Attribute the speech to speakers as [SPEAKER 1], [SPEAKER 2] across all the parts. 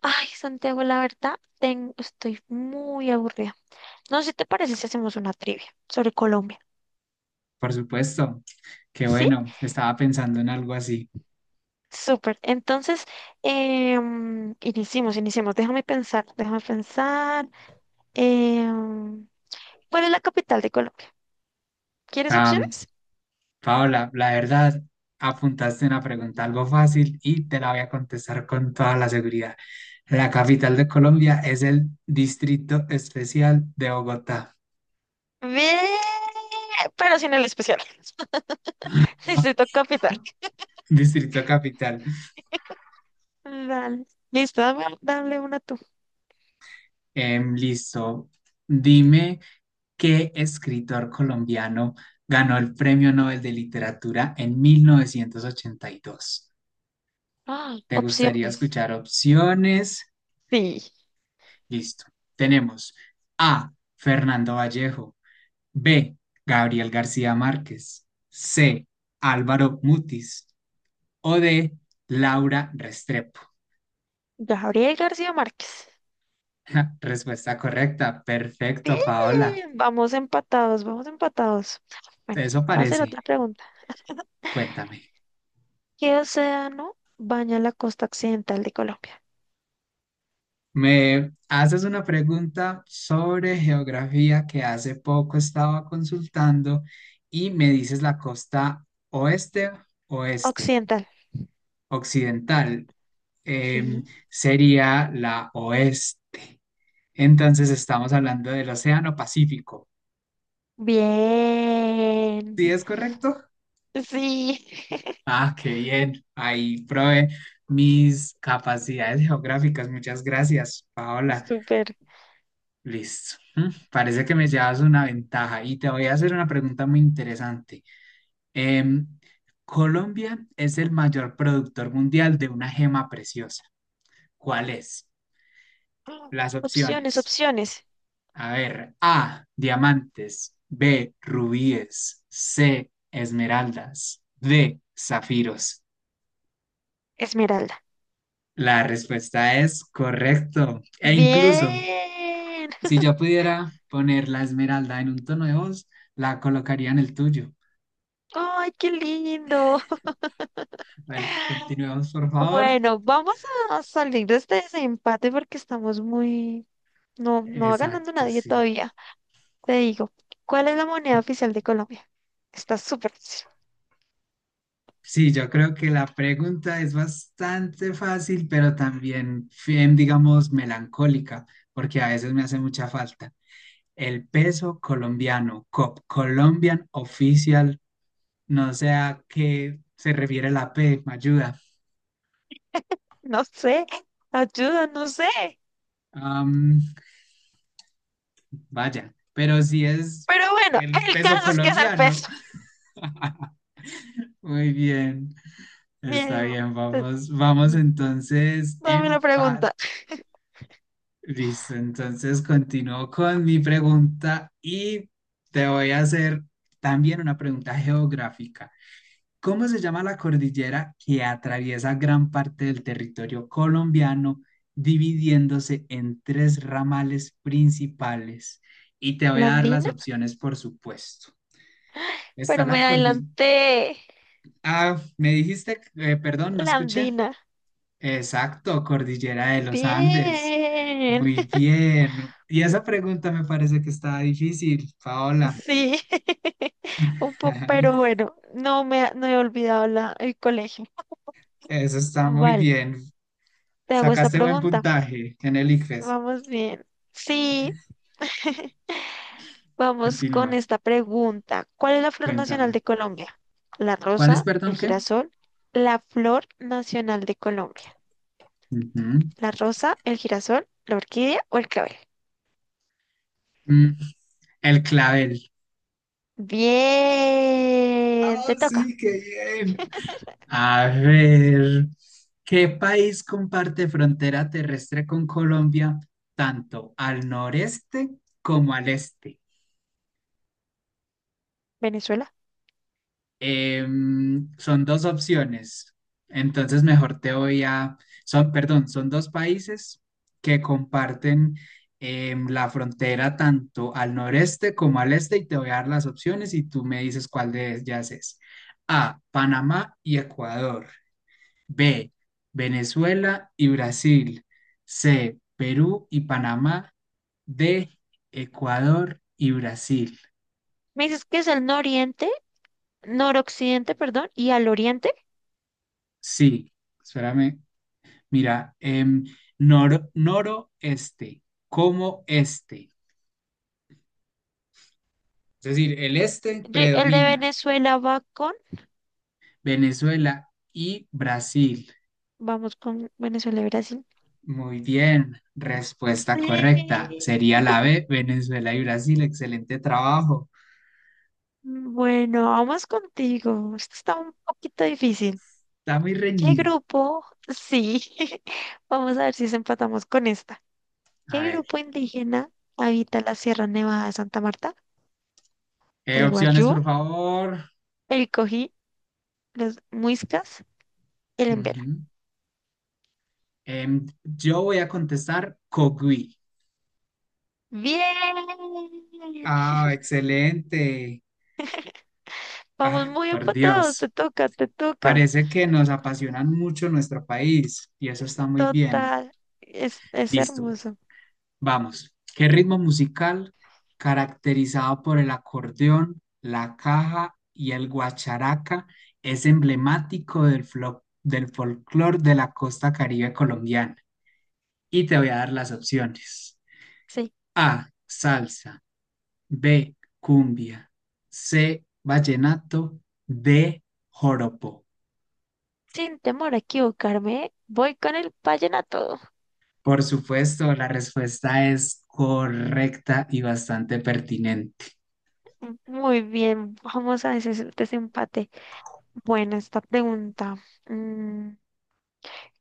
[SPEAKER 1] Ay, Santiago, la verdad, estoy muy aburrida. No sé si te parece si hacemos una trivia sobre Colombia.
[SPEAKER 2] Por supuesto, qué
[SPEAKER 1] ¿Sí?
[SPEAKER 2] bueno, estaba pensando en algo así.
[SPEAKER 1] Súper. Entonces, iniciemos, iniciemos. Déjame pensar, déjame pensar. Em, ¿Cuál es la capital de Colombia? ¿Quieres
[SPEAKER 2] Am,
[SPEAKER 1] opciones?
[SPEAKER 2] Paola, la verdad, apuntaste una pregunta algo fácil y te la voy a contestar con toda la seguridad. La capital de Colombia es el Distrito Especial de Bogotá,
[SPEAKER 1] Ve, pero sin el especial. Necesito capital.
[SPEAKER 2] Distrito Capital.
[SPEAKER 1] Dale. Listo, dame, dale una tú.
[SPEAKER 2] Listo, dime qué escritor colombiano ganó el Premio Nobel de Literatura en 1982.
[SPEAKER 1] Ah,
[SPEAKER 2] ¿Te gustaría
[SPEAKER 1] opciones.
[SPEAKER 2] escuchar opciones?
[SPEAKER 1] Sí.
[SPEAKER 2] Listo. Tenemos A, Fernando Vallejo, B, Gabriel García Márquez, C, Álvaro Mutis o D, Laura Restrepo.
[SPEAKER 1] Gabriel García Márquez.
[SPEAKER 2] Respuesta correcta.
[SPEAKER 1] Bien,
[SPEAKER 2] Perfecto, Paola.
[SPEAKER 1] vamos empatados, vamos empatados. Bueno,
[SPEAKER 2] Eso
[SPEAKER 1] te voy a hacer
[SPEAKER 2] parece.
[SPEAKER 1] otra pregunta.
[SPEAKER 2] Cuéntame.
[SPEAKER 1] ¿Qué océano baña la costa occidental de Colombia?
[SPEAKER 2] Me haces una pregunta sobre geografía que hace poco estaba consultando y me dices la costa oeste, oeste,
[SPEAKER 1] Occidental.
[SPEAKER 2] occidental, em,
[SPEAKER 1] Sí.
[SPEAKER 2] sería la oeste. Entonces estamos hablando del Océano Pacífico.
[SPEAKER 1] Bien.
[SPEAKER 2] ¿Sí es correcto?
[SPEAKER 1] Sí.
[SPEAKER 2] Ah, qué bien. Ahí probé mis capacidades geográficas. Muchas gracias, Paola.
[SPEAKER 1] Súper.
[SPEAKER 2] Listo. Mm, parece que me llevas una ventaja y te voy a hacer una pregunta muy interesante. Em, Colombia es el mayor productor mundial de una gema preciosa. ¿Cuál es? Las
[SPEAKER 1] Opciones,
[SPEAKER 2] opciones.
[SPEAKER 1] opciones.
[SPEAKER 2] A ver, A, diamantes, B, rubíes, C, esmeraldas, D, zafiros.
[SPEAKER 1] Esmeralda.
[SPEAKER 2] La respuesta es correcto. E incluso,
[SPEAKER 1] Bien.
[SPEAKER 2] si yo pudiera poner la esmeralda en un tono de voz, la colocaría en el tuyo.
[SPEAKER 1] Ay, qué lindo.
[SPEAKER 2] Bueno, continuemos, por favor.
[SPEAKER 1] Bueno, vamos a salir de este desempate porque estamos muy. No, no va ganando
[SPEAKER 2] Exacto,
[SPEAKER 1] nadie
[SPEAKER 2] sí.
[SPEAKER 1] todavía. Te digo, ¿cuál es la moneda oficial de Colombia? Está súper fácil.
[SPEAKER 2] Sí, yo creo que la pregunta es bastante fácil, pero también, bien, digamos, melancólica, porque a veces me hace mucha falta. El peso colombiano, COP, Colombian Official, no sé a qué se refiere la P, me ayuda.
[SPEAKER 1] No sé, ayuda, no sé.
[SPEAKER 2] Am, vaya, pero si es
[SPEAKER 1] Pero bueno,
[SPEAKER 2] el
[SPEAKER 1] el
[SPEAKER 2] peso
[SPEAKER 1] caso es que es el
[SPEAKER 2] colombiano.
[SPEAKER 1] peso.
[SPEAKER 2] Muy bien, está
[SPEAKER 1] Bien,
[SPEAKER 2] bien,
[SPEAKER 1] eh,
[SPEAKER 2] vamos, entonces
[SPEAKER 1] dame la
[SPEAKER 2] empate.
[SPEAKER 1] pregunta.
[SPEAKER 2] Listo, entonces continúo con mi pregunta y te voy a hacer también una pregunta geográfica. ¿Cómo se llama la cordillera que atraviesa gran parte del territorio colombiano, dividiéndose en tres ramales principales? Y te voy a
[SPEAKER 1] ¿La
[SPEAKER 2] dar las
[SPEAKER 1] andina?
[SPEAKER 2] opciones, por supuesto.
[SPEAKER 1] Pero
[SPEAKER 2] Está la
[SPEAKER 1] me
[SPEAKER 2] cordillera...
[SPEAKER 1] adelanté.
[SPEAKER 2] Ah, me dijiste, perdón, no
[SPEAKER 1] La
[SPEAKER 2] escuché.
[SPEAKER 1] andina.
[SPEAKER 2] Exacto, cordillera de los Andes.
[SPEAKER 1] Bien.
[SPEAKER 2] Muy bien. Y esa pregunta me parece que está difícil, Paola.
[SPEAKER 1] Sí, un poco, pero bueno, no he olvidado el colegio.
[SPEAKER 2] Eso está muy
[SPEAKER 1] Vale,
[SPEAKER 2] bien.
[SPEAKER 1] te hago esta
[SPEAKER 2] Sacaste buen
[SPEAKER 1] pregunta.
[SPEAKER 2] puntaje en el ICFES.
[SPEAKER 1] Vamos bien. Sí, vamos
[SPEAKER 2] Continúa.
[SPEAKER 1] con esta pregunta. ¿Cuál es la flor nacional
[SPEAKER 2] Cuéntame.
[SPEAKER 1] de Colombia? La
[SPEAKER 2] ¿Cuál es,
[SPEAKER 1] rosa,
[SPEAKER 2] perdón,
[SPEAKER 1] el
[SPEAKER 2] qué?
[SPEAKER 1] girasol, la flor nacional de Colombia.
[SPEAKER 2] Ujú.
[SPEAKER 1] La rosa, el girasol, la orquídea o el clavel.
[SPEAKER 2] Mm, el clavel.
[SPEAKER 1] Bien,
[SPEAKER 2] Ah,
[SPEAKER 1] te toca,
[SPEAKER 2] sí, qué bien. A ver, ¿qué país comparte frontera terrestre con Colombia tanto al noreste como al este?
[SPEAKER 1] Venezuela.
[SPEAKER 2] Son dos opciones. Entonces, mejor te voy a... Son, perdón, son dos países que comparten la frontera tanto al noreste como al este y te voy a dar las opciones y tú me dices cuál de ellas es. A, Panamá y Ecuador. B, Venezuela y Brasil. C, Perú y Panamá. D, Ecuador y Brasil.
[SPEAKER 1] Me dices que es el nororiente, noroccidente, perdón, y al oriente.
[SPEAKER 2] Sí, espérame. Mira, noroeste, como este. Es decir, el este
[SPEAKER 1] El de
[SPEAKER 2] predomina.
[SPEAKER 1] Venezuela
[SPEAKER 2] Venezuela y Brasil.
[SPEAKER 1] vamos con Venezuela y Brasil.
[SPEAKER 2] Muy bien, respuesta correcta. Sería
[SPEAKER 1] Sí.
[SPEAKER 2] la B, Venezuela y Brasil. Excelente trabajo.
[SPEAKER 1] Bueno, vamos contigo. Esto está un poquito difícil.
[SPEAKER 2] Está muy
[SPEAKER 1] ¿Qué
[SPEAKER 2] reñido.
[SPEAKER 1] grupo? Sí, vamos a ver si se empatamos con esta.
[SPEAKER 2] A
[SPEAKER 1] ¿Qué
[SPEAKER 2] ver,
[SPEAKER 1] grupo indígena habita la Sierra Nevada de Santa Marta? ¿El
[SPEAKER 2] opciones,
[SPEAKER 1] Guayú,
[SPEAKER 2] por favor.
[SPEAKER 1] el Cojí, los Muiscas, el Embera?
[SPEAKER 2] Ujú. Yo voy a contestar Cogui.
[SPEAKER 1] ¡Bien!
[SPEAKER 2] Ah, excelente.
[SPEAKER 1] Vamos
[SPEAKER 2] Ah,
[SPEAKER 1] muy
[SPEAKER 2] por
[SPEAKER 1] empatados, te
[SPEAKER 2] Dios.
[SPEAKER 1] toca, te toca.
[SPEAKER 2] Parece que nos apasionan mucho nuestro país y eso está muy bien.
[SPEAKER 1] Total, es
[SPEAKER 2] Listo,
[SPEAKER 1] hermoso.
[SPEAKER 2] vamos. ¿Qué ritmo musical caracterizado por el acordeón, la caja y el guacharaca es emblemático del folclore de la costa caribe colombiana? Y te voy a dar las opciones.
[SPEAKER 1] Sí,
[SPEAKER 2] A, salsa, B, cumbia, C, vallenato, D, joropo.
[SPEAKER 1] sin temor a equivocarme, voy con el vallenato.
[SPEAKER 2] Por supuesto, la respuesta es correcta y bastante pertinente.
[SPEAKER 1] Muy bien, vamos a ese desempate. Bueno, esta pregunta. mm,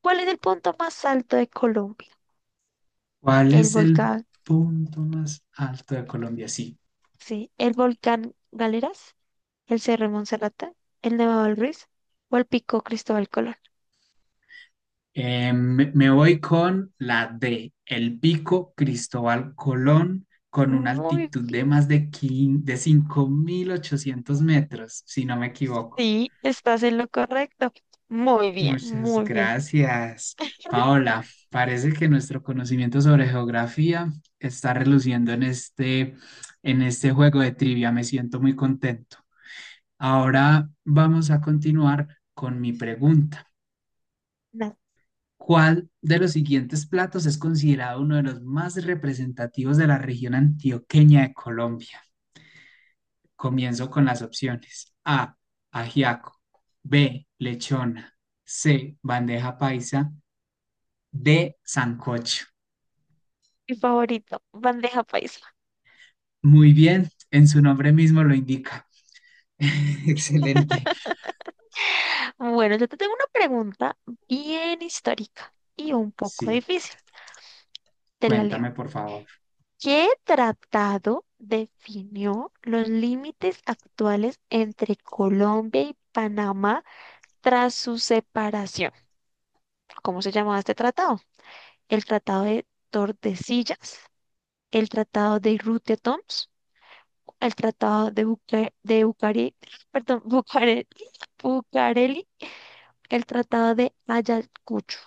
[SPEAKER 1] ¿Cuál es el punto más alto de Colombia?
[SPEAKER 2] ¿Cuál
[SPEAKER 1] El
[SPEAKER 2] es el
[SPEAKER 1] volcán,
[SPEAKER 2] punto más alto de Colombia? Sí.
[SPEAKER 1] sí, el volcán Galeras, el Cerro de Monserrate, el Nevado del Ruiz o el Pico Cristóbal Colón.
[SPEAKER 2] Me voy con la D, el Pico Cristóbal Colón, con una
[SPEAKER 1] Muy
[SPEAKER 2] altitud
[SPEAKER 1] bien.
[SPEAKER 2] de más de, de 5.800 metros, si no me equivoco.
[SPEAKER 1] Sí, estás en lo correcto. Muy bien,
[SPEAKER 2] Muchas
[SPEAKER 1] muy bien.
[SPEAKER 2] gracias, Paola. Parece que nuestro conocimiento sobre geografía está reluciendo en este juego de trivia. Me siento muy contento. Ahora vamos a continuar con mi pregunta.
[SPEAKER 1] Nah,
[SPEAKER 2] ¿Cuál de los siguientes platos es considerado uno de los más representativos de la región antioqueña de Colombia? Comienzo con las opciones. A, ajiaco. B, lechona. C, bandeja paisa. De sancocho.
[SPEAKER 1] mi favorito, bandeja paisa.
[SPEAKER 2] Muy bien, en su nombre mismo lo indica. Excelente.
[SPEAKER 1] Bueno, yo te tengo una pregunta bien histórica y un poco
[SPEAKER 2] Sí,
[SPEAKER 1] difícil. Te la
[SPEAKER 2] cuéntame
[SPEAKER 1] leo.
[SPEAKER 2] por favor.
[SPEAKER 1] ¿Qué tratado definió los límites actuales entre Colombia y Panamá tras su separación? ¿Cómo se llamaba este tratado? ¿El Tratado de Tordesillas? ¿El Tratado de Rutedoms? ¿El Tratado de perdón, Bucareli? ¿El Tratado de Ayacucho?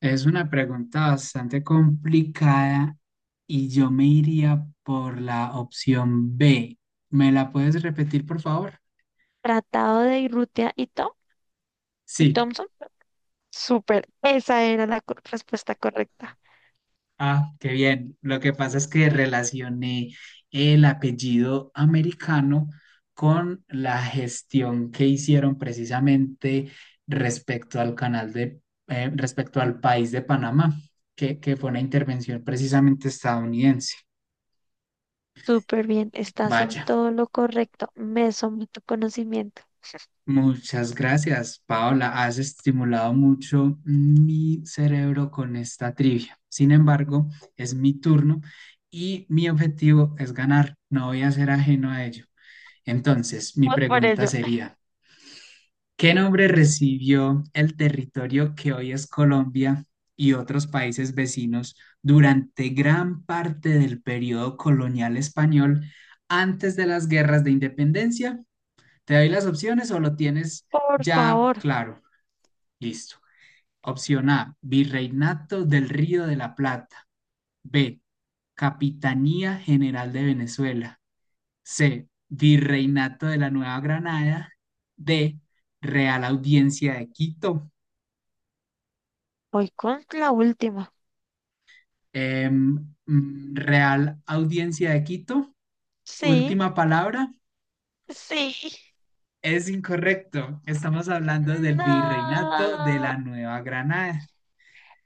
[SPEAKER 2] Es una pregunta bastante complicada y yo me iría por la opción B. ¿Me la puedes repetir por favor?
[SPEAKER 1] ¿Tratado de Irrutia y
[SPEAKER 2] Sí.
[SPEAKER 1] Thompson? Súper, esa era la respuesta correcta.
[SPEAKER 2] Ah, qué bien. Lo que pasa es que relacioné el apellido americano con la gestión que hicieron precisamente respecto al canal de, respecto al país de Panamá, que fue una intervención precisamente estadounidense.
[SPEAKER 1] Súper bien, estás en
[SPEAKER 2] Vaya,
[SPEAKER 1] todo lo correcto. Me someto a conocimiento.
[SPEAKER 2] muchas gracias, Paola. Has estimulado mucho mi cerebro con esta trivia. Sin embargo, es mi turno y mi objetivo es ganar. No voy a ser ajeno a ello. Entonces, mi
[SPEAKER 1] Vamos por
[SPEAKER 2] pregunta
[SPEAKER 1] ello.
[SPEAKER 2] sería, ¿qué nombre recibió el territorio que hoy es Colombia y otros países vecinos durante gran parte del periodo colonial español antes de las guerras de independencia? ¿Te doy las opciones o lo tienes
[SPEAKER 1] Por
[SPEAKER 2] ya
[SPEAKER 1] favor,
[SPEAKER 2] claro? Listo. Opción A, Virreinato del Río de la Plata. B, Capitanía General de Venezuela. C, Virreinato de la Nueva Granada. D, Real Audiencia de Quito.
[SPEAKER 1] voy con la última.
[SPEAKER 2] Em, Real Audiencia de Quito.
[SPEAKER 1] Sí,
[SPEAKER 2] Última palabra.
[SPEAKER 1] sí.
[SPEAKER 2] Es incorrecto. Estamos hablando del Virreinato de
[SPEAKER 1] No,
[SPEAKER 2] la Nueva Granada.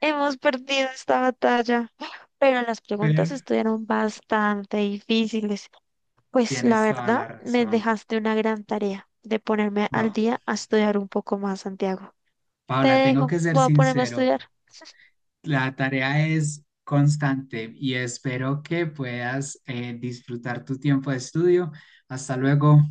[SPEAKER 1] hemos perdido esta batalla. Pero las preguntas
[SPEAKER 2] Pero
[SPEAKER 1] estuvieron bastante difíciles. Pues la
[SPEAKER 2] tienes toda
[SPEAKER 1] verdad,
[SPEAKER 2] la
[SPEAKER 1] me
[SPEAKER 2] razón.
[SPEAKER 1] dejaste una gran tarea de ponerme al
[SPEAKER 2] No,
[SPEAKER 1] día a estudiar un poco más, Santiago. Te
[SPEAKER 2] Paula, tengo
[SPEAKER 1] dejo,
[SPEAKER 2] que ser
[SPEAKER 1] voy a ponerme a
[SPEAKER 2] sincero.
[SPEAKER 1] estudiar.
[SPEAKER 2] La tarea es constante y espero que puedas disfrutar tu tiempo de estudio. Hasta luego.